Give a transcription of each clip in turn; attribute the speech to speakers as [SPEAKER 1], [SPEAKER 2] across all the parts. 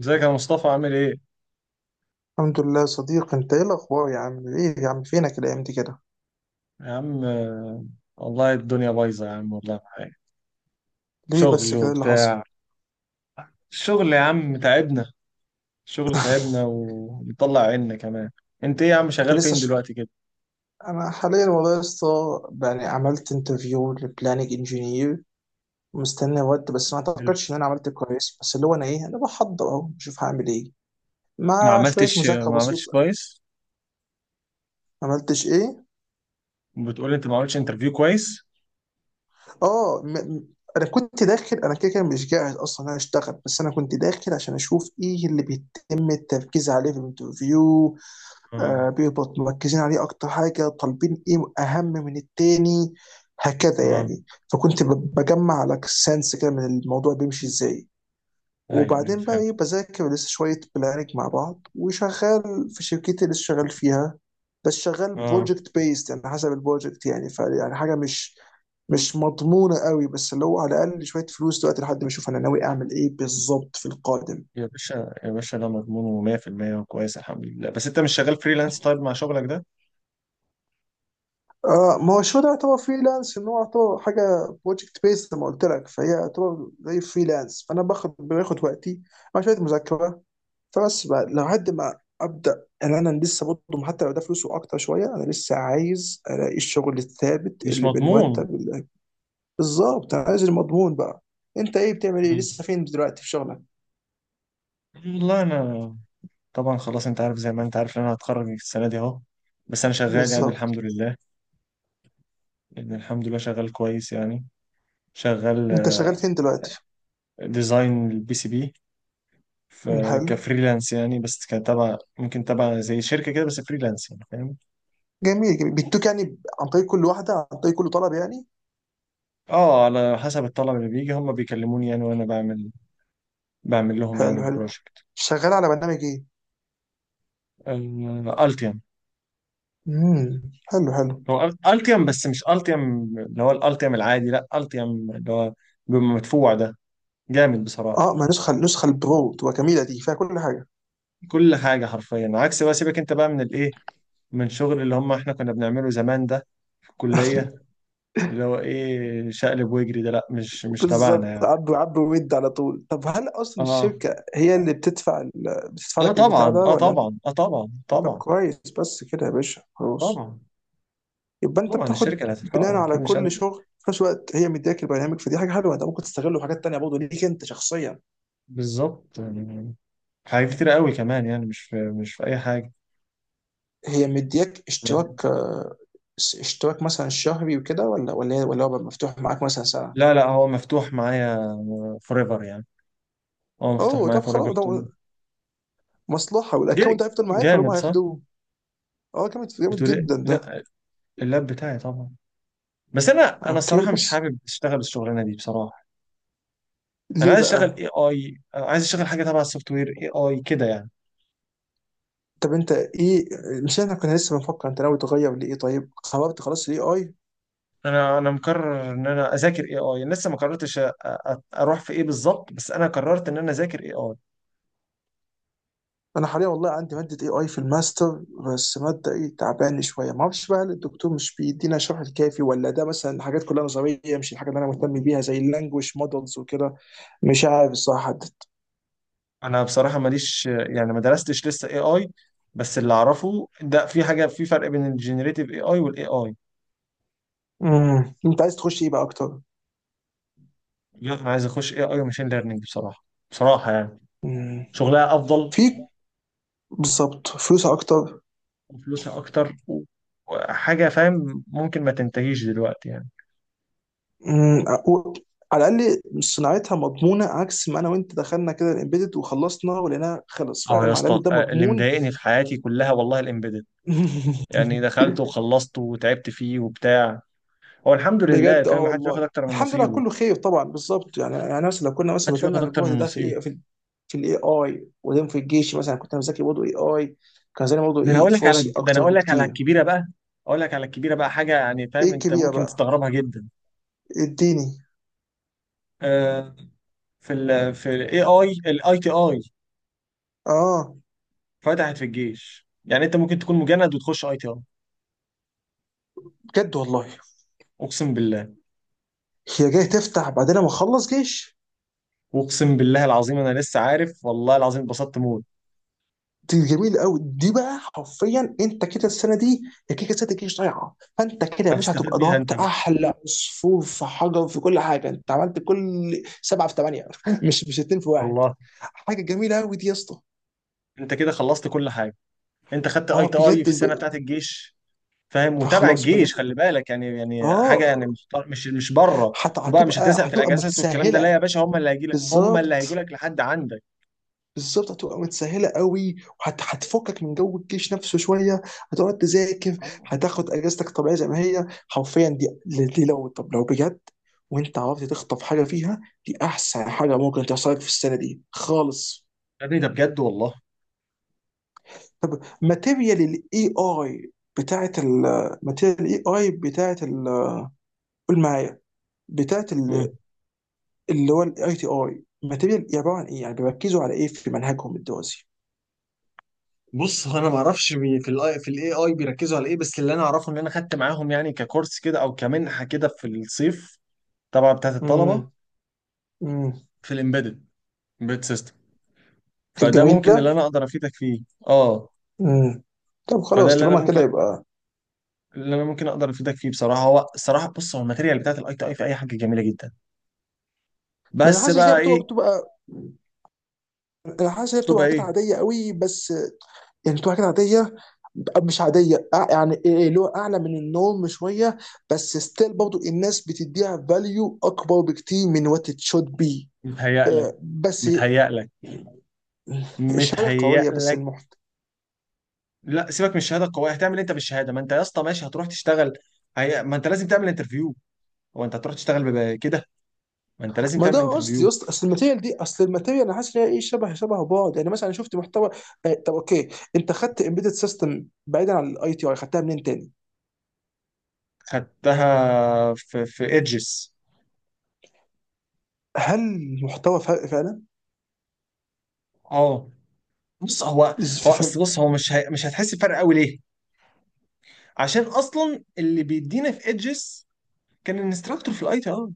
[SPEAKER 1] ازيك يا مصطفى؟ عامل ايه؟
[SPEAKER 2] الحمد لله يا صديقي، انت ايه الاخبار يا عم؟ ايه يا عم، فينك الايام دي كده؟
[SPEAKER 1] يا عم والله الدنيا بايظة يا عم، والله معايا
[SPEAKER 2] ليه
[SPEAKER 1] شغل
[SPEAKER 2] بس كده، إيه اللي حصل؟
[SPEAKER 1] وبتاع. الشغل يا عم تعبنا، الشغل تعبنا ومطلع عنا كمان. انت ايه يا عم؟
[SPEAKER 2] انت
[SPEAKER 1] شغال
[SPEAKER 2] لسه
[SPEAKER 1] فين
[SPEAKER 2] ش...
[SPEAKER 1] دلوقتي كده؟
[SPEAKER 2] انا حاليا والله يا اسطى، يعني عملت انترفيو لبلاننج انجينير. مستني رد، بس ما اعتقدش ان انا عملت كويس. بس اللي هو انا ايه انا بحضر اهو، بشوف هعمل ايه
[SPEAKER 1] ما
[SPEAKER 2] مع شويه
[SPEAKER 1] عملتش
[SPEAKER 2] مذاكره
[SPEAKER 1] ما عملتش
[SPEAKER 2] بسيطه.
[SPEAKER 1] كويس؟
[SPEAKER 2] ما عملتش ايه؟
[SPEAKER 1] بتقول انت ما عملتش انترفيو كويس؟
[SPEAKER 2] اه م... م- انا كنت داخل، كده كده مش جاهز اصلا ان انا اشتغل، بس انا كنت داخل عشان اشوف ايه اللي بيتم التركيز عليه في الانترفيو.
[SPEAKER 1] اه،
[SPEAKER 2] بيهبط مركزين عليه اكتر حاجه، طالبين ايه اهم من التاني، هكذا
[SPEAKER 1] اه،
[SPEAKER 2] يعني. فكنت بجمع لك سنس كده من الموضوع بيمشي ازاي.
[SPEAKER 1] ايوه
[SPEAKER 2] وبعدين بقى
[SPEAKER 1] فهمت.
[SPEAKER 2] ايه، بذاكر لسه شويه بلانك مع بعض، وشغال في شركتي اللي لسه شغال فيها. بس شغال
[SPEAKER 1] اه
[SPEAKER 2] بروجكت بيست، يعني حسب البروجكت، يعني ف يعني حاجه مش مضمونه قوي، بس اللي هو على الاقل شويه فلوس دلوقتي، لحد ما اشوف انا ناوي اعمل ايه بالظبط في القادم.
[SPEAKER 1] يا باشا يا باشا، ده مضمونه 100%، وكويس الحمد لله. بس انت مش شغال فريلانس طيب مع شغلك ده؟
[SPEAKER 2] اه، ما هو شو ده يعتبر فريلانس، ان هو يعتبر حاجه بروجكت بيس زي ما قلت لك، فهي يعتبر زي فريلانس، فانا باخد وقتي مع شويه مذاكره. فبس بقى لحد ما ابدا، يعني انا لسه برضه، حتى لو ده فلوسه اكتر شويه، انا لسه عايز الاقي الشغل الثابت
[SPEAKER 1] مش
[SPEAKER 2] اللي
[SPEAKER 1] مضمون.
[SPEAKER 2] بالمرتب بالظبط، انا عايز المضمون بقى. انت ايه بتعمل، ايه
[SPEAKER 1] مم.
[SPEAKER 2] لسه فين دلوقتي في شغلك؟
[SPEAKER 1] والله انا، طبعا خلاص انت عارف، زي ما انت عارف ان انا هتخرج السنه دي اهو، بس انا شغال يعني الحمد
[SPEAKER 2] بالظبط.
[SPEAKER 1] لله، يعني الحمد لله شغال كويس يعني. شغال
[SPEAKER 2] انت شغال فين دلوقتي؟
[SPEAKER 1] ديزاين البي سي بي. ف-
[SPEAKER 2] مم، حلو.
[SPEAKER 1] كفريلانس يعني، بس كتبع، ممكن تبع زي شركه كده، بس فريلانس يعني، فاهم.
[SPEAKER 2] جميل جميل، بيدوك يعني، عن طريق كل واحده، عن طريق كل طلب يعني.
[SPEAKER 1] اه على حسب الطلب اللي بيجي، هم بيكلموني يعني وانا بعمل، بعمل لهم يعني
[SPEAKER 2] حلو حلو.
[SPEAKER 1] البروجكت.
[SPEAKER 2] شغال على برنامج ايه؟
[SPEAKER 1] التيم.
[SPEAKER 2] امم. حلو حلو.
[SPEAKER 1] هو التيم بس مش التيم اللي هو الالتيم العادي، لا، التيم اللي هو بيبقى مدفوع ده، جامد بصراحه.
[SPEAKER 2] اه، ما النسخه البرو تبقى جميله، دي فيها كل حاجه.
[SPEAKER 1] كل حاجة حرفيا، عكس بقى سيبك انت بقى من الايه، من شغل اللي هم احنا كنا بنعمله زمان ده في الكلية. اللي هو ايه شقلب واجري ده، لا مش تبعنا
[SPEAKER 2] بالظبط،
[SPEAKER 1] يعني.
[SPEAKER 2] عبوا عبوا ويد على طول. طب هل اصلا
[SPEAKER 1] اه،
[SPEAKER 2] الشركه هي اللي بتدفع بتدفع
[SPEAKER 1] اه
[SPEAKER 2] لك البتاع
[SPEAKER 1] طبعا،
[SPEAKER 2] ده،
[SPEAKER 1] اه
[SPEAKER 2] ولا انت؟
[SPEAKER 1] طبعا، اه طبعا،
[SPEAKER 2] طب
[SPEAKER 1] طبعا،
[SPEAKER 2] كويس بس كده يا باشا، خلاص.
[SPEAKER 1] طبعا،
[SPEAKER 2] يبقى انت
[SPEAKER 1] طبعا.
[SPEAKER 2] بتاخد
[SPEAKER 1] الشركة اللي
[SPEAKER 2] بناء
[SPEAKER 1] هتدفعه اكيد
[SPEAKER 2] على
[SPEAKER 1] مش انا،
[SPEAKER 2] كل شغل، في نفس الوقت هي مدياك البرنامج، فدي حاجه حلوه، انت ممكن تستغله في حاجات تانيه برضه ليك انت شخصيا.
[SPEAKER 1] بالظبط يعني. حاجات كتير قوي كمان يعني، مش في، مش في اي حاجة،
[SPEAKER 2] هي مدياك
[SPEAKER 1] فاهم؟
[SPEAKER 2] اشتراك، اشتراك مثلا شهري وكده، ولا ولا هو بقى مفتوح معاك مثلا سنه؟
[SPEAKER 1] لا لا، هو مفتوح معايا ايفر يعني. هو مفتوح
[SPEAKER 2] اوه،
[SPEAKER 1] معايا
[SPEAKER 2] طب
[SPEAKER 1] ايفر.
[SPEAKER 2] خلاص، ده مصلحه. والاكونت ده هيفضل معاك ولا هم
[SPEAKER 1] جامد صح؟
[SPEAKER 2] هياخدوه؟ اه، جامد جامد
[SPEAKER 1] بتقول ايه؟
[SPEAKER 2] جدا ده.
[SPEAKER 1] لا، اللاب بتاعي طبعا. بس انا
[SPEAKER 2] اوكي
[SPEAKER 1] الصراحه مش
[SPEAKER 2] بس،
[SPEAKER 1] حابب اشتغل الشغلانه دي بصراحه. انا
[SPEAKER 2] ليه
[SPEAKER 1] عايز اشتغل
[SPEAKER 2] بقى؟
[SPEAKER 1] اي اي، عايز اشتغل حاجه تبع السوفت وير اي اي كده يعني.
[SPEAKER 2] طب انت ايه، مش احنا كنا لسه بنفكر انت ناوي تغير لايه؟ طيب خربت خلاص الاي اي.
[SPEAKER 1] انا مقرر ان انا اذاكر اي اي، لسه ما قررتش أ- أ- اروح في ايه بالظبط، بس انا قررت ان انا اذاكر اي اي.
[SPEAKER 2] انا حاليا والله عندي ماده اي اي في الماستر، بس ماده ايه، تعبان شويه، ما اعرفش بقى هل الدكتور مش بيدينا الشرح الكافي، ولا ده مثلا حاجات كلها نظريه مش الحاجه اللي انا مهتم بيها زي اللانجوج مودلز وكده. مش عارف الصراحه، حدد.
[SPEAKER 1] انا بصراحه ماليش يعني، ما درستش لسه اي اي، بس اللي اعرفه ده في حاجه، في فرق بين الجنريتيف اي اي والاي اي.
[SPEAKER 2] انت عايز تخش ايه بقى اكتر؟
[SPEAKER 1] لا انا عايز اخش اي اي وماشين ليرنينج بصراحه، بصراحه يعني.
[SPEAKER 2] امم.
[SPEAKER 1] شغلها افضل،
[SPEAKER 2] في، بالظبط، فلوس اكتر.
[SPEAKER 1] وفلوسها اكتر، وحاجه فاهم، ممكن ما تنتهيش دلوقتي يعني.
[SPEAKER 2] مم. على الاقل صناعتها مضمونه، عكس ما انا وانت دخلنا كده الامبيدد وخلصنا ولقيناها خلص،
[SPEAKER 1] اه يا
[SPEAKER 2] فاهم؟ على
[SPEAKER 1] اسطى،
[SPEAKER 2] الاقل ده
[SPEAKER 1] اللي
[SPEAKER 2] مضمون.
[SPEAKER 1] مضايقني في حياتي كلها والله الامبيدد، يعني دخلت وخلصت وتعبت فيه وبتاع. هو الحمد لله،
[SPEAKER 2] بجد، اه
[SPEAKER 1] فاهم، محدش بياخد
[SPEAKER 2] والله
[SPEAKER 1] اكتر من
[SPEAKER 2] الحمد لله
[SPEAKER 1] نصيبه،
[SPEAKER 2] كله خير طبعا. بالظبط، يعني مثلا لو كنا مثلا
[SPEAKER 1] محدش بياخد
[SPEAKER 2] بذلنا
[SPEAKER 1] اكتر
[SPEAKER 2] الجهد
[SPEAKER 1] من
[SPEAKER 2] ده في
[SPEAKER 1] نصيبه.
[SPEAKER 2] في الاي اي، وبعدين في الجيش مثلا كنت انا بذاكر برضه اي اي، كان زمان برضه
[SPEAKER 1] ده انا
[SPEAKER 2] ايه
[SPEAKER 1] اقول لك على،
[SPEAKER 2] فرصي
[SPEAKER 1] ده انا
[SPEAKER 2] اكتر
[SPEAKER 1] اقول لك على
[SPEAKER 2] بكتير.
[SPEAKER 1] الكبيره بقى، اقول لك على الكبيره بقى، حاجه يعني
[SPEAKER 2] ايه
[SPEAKER 1] فاهم انت
[SPEAKER 2] الكبيره
[SPEAKER 1] ممكن
[SPEAKER 2] بقى؟
[SPEAKER 1] تستغربها جدا.
[SPEAKER 2] اديني.
[SPEAKER 1] آه. في ال، في الاي اي، الاي تي اي
[SPEAKER 2] اه
[SPEAKER 1] فتحت في الجيش. يعني انت ممكن تكون مجند وتخش اي تي اي.
[SPEAKER 2] بجد والله؟
[SPEAKER 1] اقسم بالله،
[SPEAKER 2] هي جايه تفتح بعدين ما اخلص جيش؟
[SPEAKER 1] اقسم بالله العظيم، انا لسه عارف والله العظيم، اتبسطت موت.
[SPEAKER 2] دي جميل قوي دي بقى، حرفيا انت كده السنه دي، يا كيكه السنه دي مش ضايعه، فانت كده يا باشا
[SPEAKER 1] هتستفاد
[SPEAKER 2] هتبقى
[SPEAKER 1] بيها انت
[SPEAKER 2] ضربت
[SPEAKER 1] بقى،
[SPEAKER 2] احلى عصفور في حجر، في كل حاجه انت عملت كل سبعه في ثمانيه مش اتنين في واحد.
[SPEAKER 1] والله.
[SPEAKER 2] حاجه جميله قوي دي يا اسطى.
[SPEAKER 1] انت كده خلصت كل حاجه. انت خدت اي
[SPEAKER 2] اه
[SPEAKER 1] تي
[SPEAKER 2] بجد،
[SPEAKER 1] اي في السنه بتاعت الجيش، فاهم، وتابع
[SPEAKER 2] فخلاص يبقى.
[SPEAKER 1] الجيش، خلي بالك يعني، يعني
[SPEAKER 2] اه،
[SPEAKER 1] حاجه يعني مش بره. وبقى مش
[SPEAKER 2] هتبقى
[SPEAKER 1] هتزهق في
[SPEAKER 2] هتبقى
[SPEAKER 1] الاجازات والكلام ده، لا يا
[SPEAKER 2] متسهله.
[SPEAKER 1] باشا، هم اللي هيجي لك، هم اللي هيجوا
[SPEAKER 2] بالظبط،
[SPEAKER 1] لك لحد عندك.
[SPEAKER 2] بالظبط. هتبقى متسهله قوي، هتفكك من جو الجيش نفسه شويه، هتقعد تذاكر،
[SPEAKER 1] اه،
[SPEAKER 2] هتاخد اجازتك طبيعيه زي ما هي حرفيا دي، لو طب لو بجد وانت عرفت تخطف حاجه فيها، دي احسن حاجه ممكن تحصل لك في السنه دي خالص.
[SPEAKER 1] يا ابني ده بجد والله.
[SPEAKER 2] طب ماتيريال الاي اي، بتاعت الماتيريال الاي اي بتاعت قول معايا، بتاعت
[SPEAKER 1] مم.
[SPEAKER 2] اللي هو الاي تي اي، ماتيريال عباره عن ايه؟ يعني بيركزوا على ايه في منهجهم الدراسي؟
[SPEAKER 1] بص هو انا ما اعرفش في الاي، في الاي اي بيركزوا على ايه، بس اللي انا اعرفه ان انا خدت معاهم يعني ككورس كده، او كمنحه كده في الصيف، طبعا بتاعت الطلبه.
[SPEAKER 2] امم. امم.
[SPEAKER 1] في الامبيدد، امبيدد سيستم.
[SPEAKER 2] كانت
[SPEAKER 1] فده ممكن اللي
[SPEAKER 2] جميله.
[SPEAKER 1] انا اقدر افيدك فيه. اه.
[SPEAKER 2] امم. طب
[SPEAKER 1] فده
[SPEAKER 2] خلاص
[SPEAKER 1] اللي انا
[SPEAKER 2] طالما كده،
[SPEAKER 1] ممكن،
[SPEAKER 2] يبقى
[SPEAKER 1] اللي انا ممكن اقدر افيدك فيه بصراحه. هو الصراحه بص، هو الماتيريال بتاعت الاي تي اي في اي حاجه جميله جدا،
[SPEAKER 2] بس
[SPEAKER 1] بس
[SPEAKER 2] حاسس ان هي
[SPEAKER 1] بقى
[SPEAKER 2] بتبقى
[SPEAKER 1] ايه.
[SPEAKER 2] بتبقى انا حاسس ان هي بتبقى
[SPEAKER 1] تبقى
[SPEAKER 2] حاجات
[SPEAKER 1] ايه.
[SPEAKER 2] عاديه قوي بس. يعني بتبقى حاجات عاديه، مش عاديه، يعني إيه إيه، اللي هو اعلى من النورم شويه، بس ستيل برضو الناس بتديها فاليو اكبر بكتير من وات ات شود بي.
[SPEAKER 1] متهيأ لك،
[SPEAKER 2] بس
[SPEAKER 1] متهيأ لك،
[SPEAKER 2] الشهاده
[SPEAKER 1] متهيأ
[SPEAKER 2] قويه، بس
[SPEAKER 1] لك.
[SPEAKER 2] المحتوى.
[SPEAKER 1] لا سيبك من الشهاده القويه، هتعمل إيه انت بالشهاده؟ ما انت يا اسطى ماشي هتروح تشتغل. ما انت لازم تعمل انترفيو. هو انت هتروح تشتغل كده، ما انت لازم
[SPEAKER 2] ما
[SPEAKER 1] تعمل
[SPEAKER 2] ده قصدي
[SPEAKER 1] انترفيو.
[SPEAKER 2] يا اسطى، اصل الماتيريال انا حاسس ان هي ايه، شبه شبه بعض، يعني مثلا أنا شفت محتوى. طب اوكي، انت خدت امبيدد سيستم بعيدا عن الاي تي اي، خدتها منين تاني؟
[SPEAKER 1] خدتها في في ايدجز.
[SPEAKER 2] هل المحتوى فرق فعلا؟
[SPEAKER 1] اه. بص هو،
[SPEAKER 2] إز-
[SPEAKER 1] هو
[SPEAKER 2] ف-
[SPEAKER 1] اصل
[SPEAKER 2] ف-
[SPEAKER 1] بص، هو مش مش هتحس بفرق قوي، ليه؟ عشان اصلا اللي بيدينا في ايدجز كان الانستراكتور في الاي تي اي.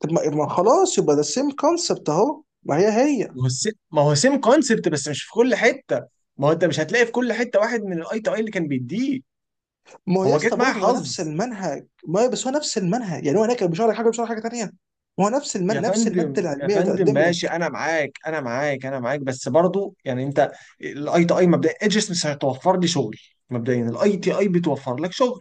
[SPEAKER 2] طب ما خلاص يبقى ده سيم كونسبت اهو، ما هي هي.
[SPEAKER 1] ما هو السيم، ما هو سيم كونسبت، بس مش في كل حته. ما هو انت مش هتلاقي في كل حته واحد من الاي تو اي اللي كان بيديه،
[SPEAKER 2] ما هو يا
[SPEAKER 1] هو جت
[SPEAKER 2] اسطى
[SPEAKER 1] معايا
[SPEAKER 2] برضه هو نفس
[SPEAKER 1] حظ.
[SPEAKER 2] المنهج، ما هي بس هو نفس المنهج، يعني هو هناك كان بيشرح لك حاجه، بيشرح لك حاجه تانيه. ما هو نفس
[SPEAKER 1] يا
[SPEAKER 2] نفس الماده
[SPEAKER 1] فندم يا
[SPEAKER 2] العلميه اللي
[SPEAKER 1] فندم
[SPEAKER 2] تقدم
[SPEAKER 1] ماشي،
[SPEAKER 2] لك.
[SPEAKER 1] انا معاك انا معاك انا معاك، بس برضو يعني انت، الاي تو اي مبدئيا ايجس مش هتوفر لي شغل، مبدئيا الاي تي اي بتوفر لك شغل.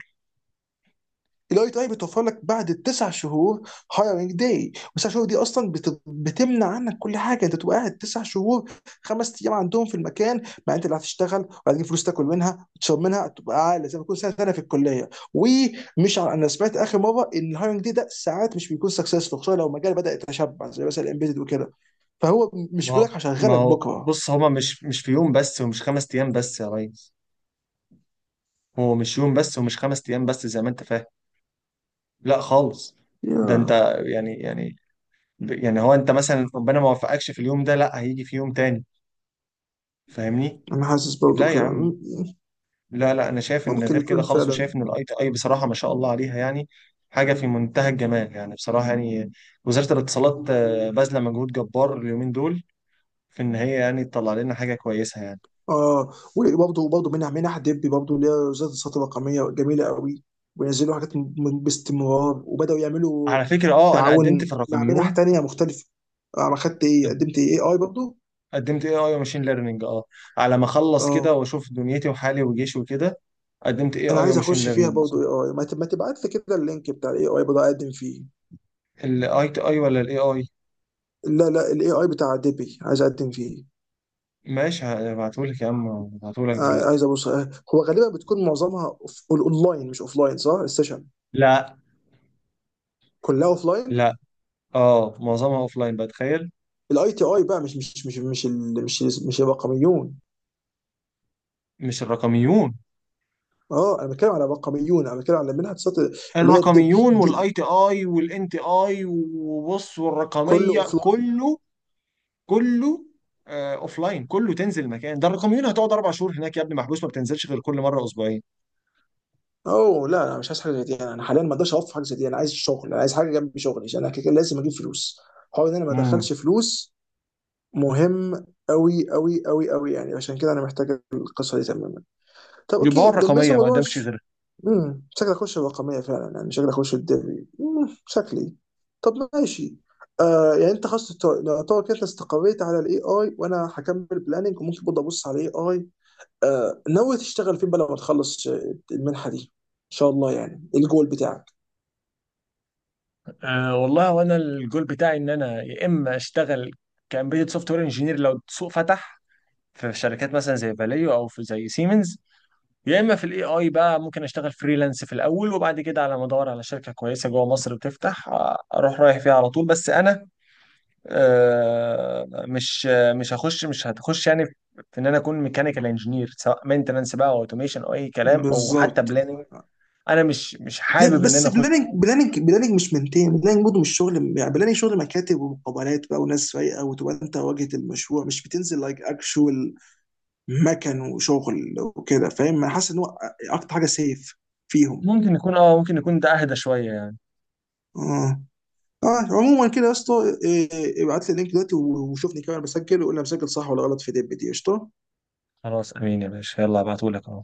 [SPEAKER 2] الاي تي اي بتوفر لك بعد التسع شهور، هايرنج داي، والتسع شهور دي اصلا بتمنع عنك كل حاجه، انت تبقى قاعد تسع شهور، خمس ايام عندهم في المكان، مع انت اللي هتشتغل وهتجيب فلوس تاكل منها وتشرب منها، تبقى قاعد زي ما تكون سنه سنه في الكليه. انا سمعت اخر مره ان الهايرنج داي ده ساعات مش بيكون سكسسفول، خصوصا لو المجال بدا يتشبع زي مثلا الامبيدد وكده، فهو مش
[SPEAKER 1] ما
[SPEAKER 2] بيقول
[SPEAKER 1] هو
[SPEAKER 2] لك
[SPEAKER 1] ما
[SPEAKER 2] هشغلك
[SPEAKER 1] هو
[SPEAKER 2] بكره.
[SPEAKER 1] بص، هما مش، مش في يوم بس ومش خمس ايام بس يا ريس. هو مش يوم بس ومش خمس ايام بس زي ما انت فاهم، لا خالص. ده انت،
[SPEAKER 2] يا
[SPEAKER 1] يعني يعني يعني، هو انت مثلا ربنا ما وفقكش في اليوم ده، لا هيجي في يوم تاني، فاهمني؟
[SPEAKER 2] انا حاسس برضه
[SPEAKER 1] لا يا
[SPEAKER 2] كده،
[SPEAKER 1] عم، لا لا، انا شايف ان
[SPEAKER 2] ممكن
[SPEAKER 1] غير كده
[SPEAKER 2] يكون
[SPEAKER 1] خالص،
[SPEAKER 2] فعلا.
[SPEAKER 1] وشايف ان الاي تي اي بصراحه ما شاء الله عليها يعني، حاجه في منتهى الجمال يعني بصراحه يعني. وزاره الاتصالات باذله مجهود جبار اليومين دول في ان هي يعني تطلع لنا حاجه كويسه يعني.
[SPEAKER 2] اه، وبرضه منح دبي برضه، اللي هي وزاره الصحه الرقميه، جميله قوي، وينزلوا حاجات باستمرار، وبداوا يعملوا
[SPEAKER 1] على فكره اه انا قدمت في
[SPEAKER 2] تعاون مع منح
[SPEAKER 1] الرقميون.
[SPEAKER 2] تانية مختلفه. انا خدت ايه،
[SPEAKER 1] قد-
[SPEAKER 2] قدمت ايه، اي برضه.
[SPEAKER 1] قدمت اي اي وماشين ليرنينج، اه، على ما اخلص كده
[SPEAKER 2] اه،
[SPEAKER 1] واشوف دنيتي وحالي وجيشي وكده. قدمت اي
[SPEAKER 2] انا
[SPEAKER 1] اي
[SPEAKER 2] عايز
[SPEAKER 1] وماشين
[SPEAKER 2] اخش فيها
[SPEAKER 1] ليرنينج.
[SPEAKER 2] برضه اي اي، ما تبعت لي كده اللينك بتاع الاي اي برضه اقدم فيه.
[SPEAKER 1] الاي تي اي ولا الاي اي؟
[SPEAKER 2] لا لا، الاي اي بتاع دبي عايز اقدم فيه.
[SPEAKER 1] ماشي هبعتهولك يا عم، هبعتهولك دلوقتي.
[SPEAKER 2] عايز ابص. هو غالبا بتكون معظمها اونلاين مش اوفلاين، صح؟ السيشن
[SPEAKER 1] لا،
[SPEAKER 2] كلها اوفلاين؟
[SPEAKER 1] لا، اه معظمها اوف لاين بقى، تخيل.
[SPEAKER 2] الاي تي اي بقى مش مش مش مش ال- مش مش الرقميون.
[SPEAKER 1] مش الرقميون؟
[SPEAKER 2] اه، انا بتكلم على رقميون، انا بتكلم على منها تصات اللي هي الدب
[SPEAKER 1] الرقميون والاي
[SPEAKER 2] دي.
[SPEAKER 1] تي اي والان تي اي وبص
[SPEAKER 2] كله
[SPEAKER 1] والرقميه
[SPEAKER 2] اوف لاين.
[SPEAKER 1] كله، كله اوف لاين. كله تنزل مكان. ده الرقميون هتقعد اربع شهور هناك يا ابني محبوس، ما بتنزلش غير كل مره اسبوعين.
[SPEAKER 2] اوه لا، انا مش عايز حاجه زي دي، أنا حاليا ما اقدرش اوفر حاجه زي دي، انا عايز شغل، انا عايز حاجه جنب شغلي، عشان انا كده كده لازم اجيب فلوس. حوار ان انا ما
[SPEAKER 1] امم،
[SPEAKER 2] ادخلش فلوس مهم قوي قوي قوي قوي يعني، عشان كده انا محتاج القصه دي تمام. طب
[SPEAKER 1] يبقى هو
[SPEAKER 2] اوكي، لما لسه
[SPEAKER 1] الرقميه ما
[SPEAKER 2] الموضوع
[SPEAKER 1] قدامش
[SPEAKER 2] مش.
[SPEAKER 1] غيرها.
[SPEAKER 2] امم، شكلي اخش الرقميه فعلا، يعني شكلي اخش الدوري، امم، شكلي. طب ماشي. يعني انت خلاص، يعتبر كده انت استقريت على الاي اي، وانا هكمل بلاننج، وممكن برضه ابص على الاي اي. ناوي تشتغل فين بقى لما تخلص المنحه دي ان شاء الله؟ يعني الجول بتاعك.
[SPEAKER 1] أه والله، وانا الجول بتاعي ان انا يا اما اشتغل كامبيوتر سوفت وير انجينير لو السوق فتح في شركات مثلا زي فاليو او في زي سيمنز، يا اما في الاي اي بقى ممكن اشتغل فريلانس في الاول، وبعد كده على ما ادور على شركه كويسه جوه مصر بتفتح اروح رايح فيها على طول. بس انا مش هخش، مش هتخش يعني في، في ان انا اكون ميكانيكال انجينير، سواء مينتننس بقى او اوتوميشن او اي كلام، او حتى
[SPEAKER 2] بالظبط.
[SPEAKER 1] بلاننج. انا مش حابب ان
[SPEAKER 2] بس
[SPEAKER 1] انا اخش.
[SPEAKER 2] بلاننج، بلاننج بلاننج مش منتين، بلاننج برضه مش شغل، يعني بلاننج شغل مكاتب ومقابلات بقى وناس رايقه، وتبقى انت واجهه المشروع، مش بتنزل لايك اكشوال مكن وشغل وكده، فاهم؟ انا حاسس ان هو اكتر حاجه سيف فيهم.
[SPEAKER 1] ممكن يكون اه، ممكن يكون ده اهدى شويه يعني.
[SPEAKER 2] اه. اه، عموما كده يا اسطى، إيه، ابعت لي اللينك دلوقتي وشوفني كمان بسجل، وقول لي أنا مسجل صح ولا غلط في ديب دي. قشطه.
[SPEAKER 1] خلاص، امين يا باشا، يلا ابعتهولك اهو.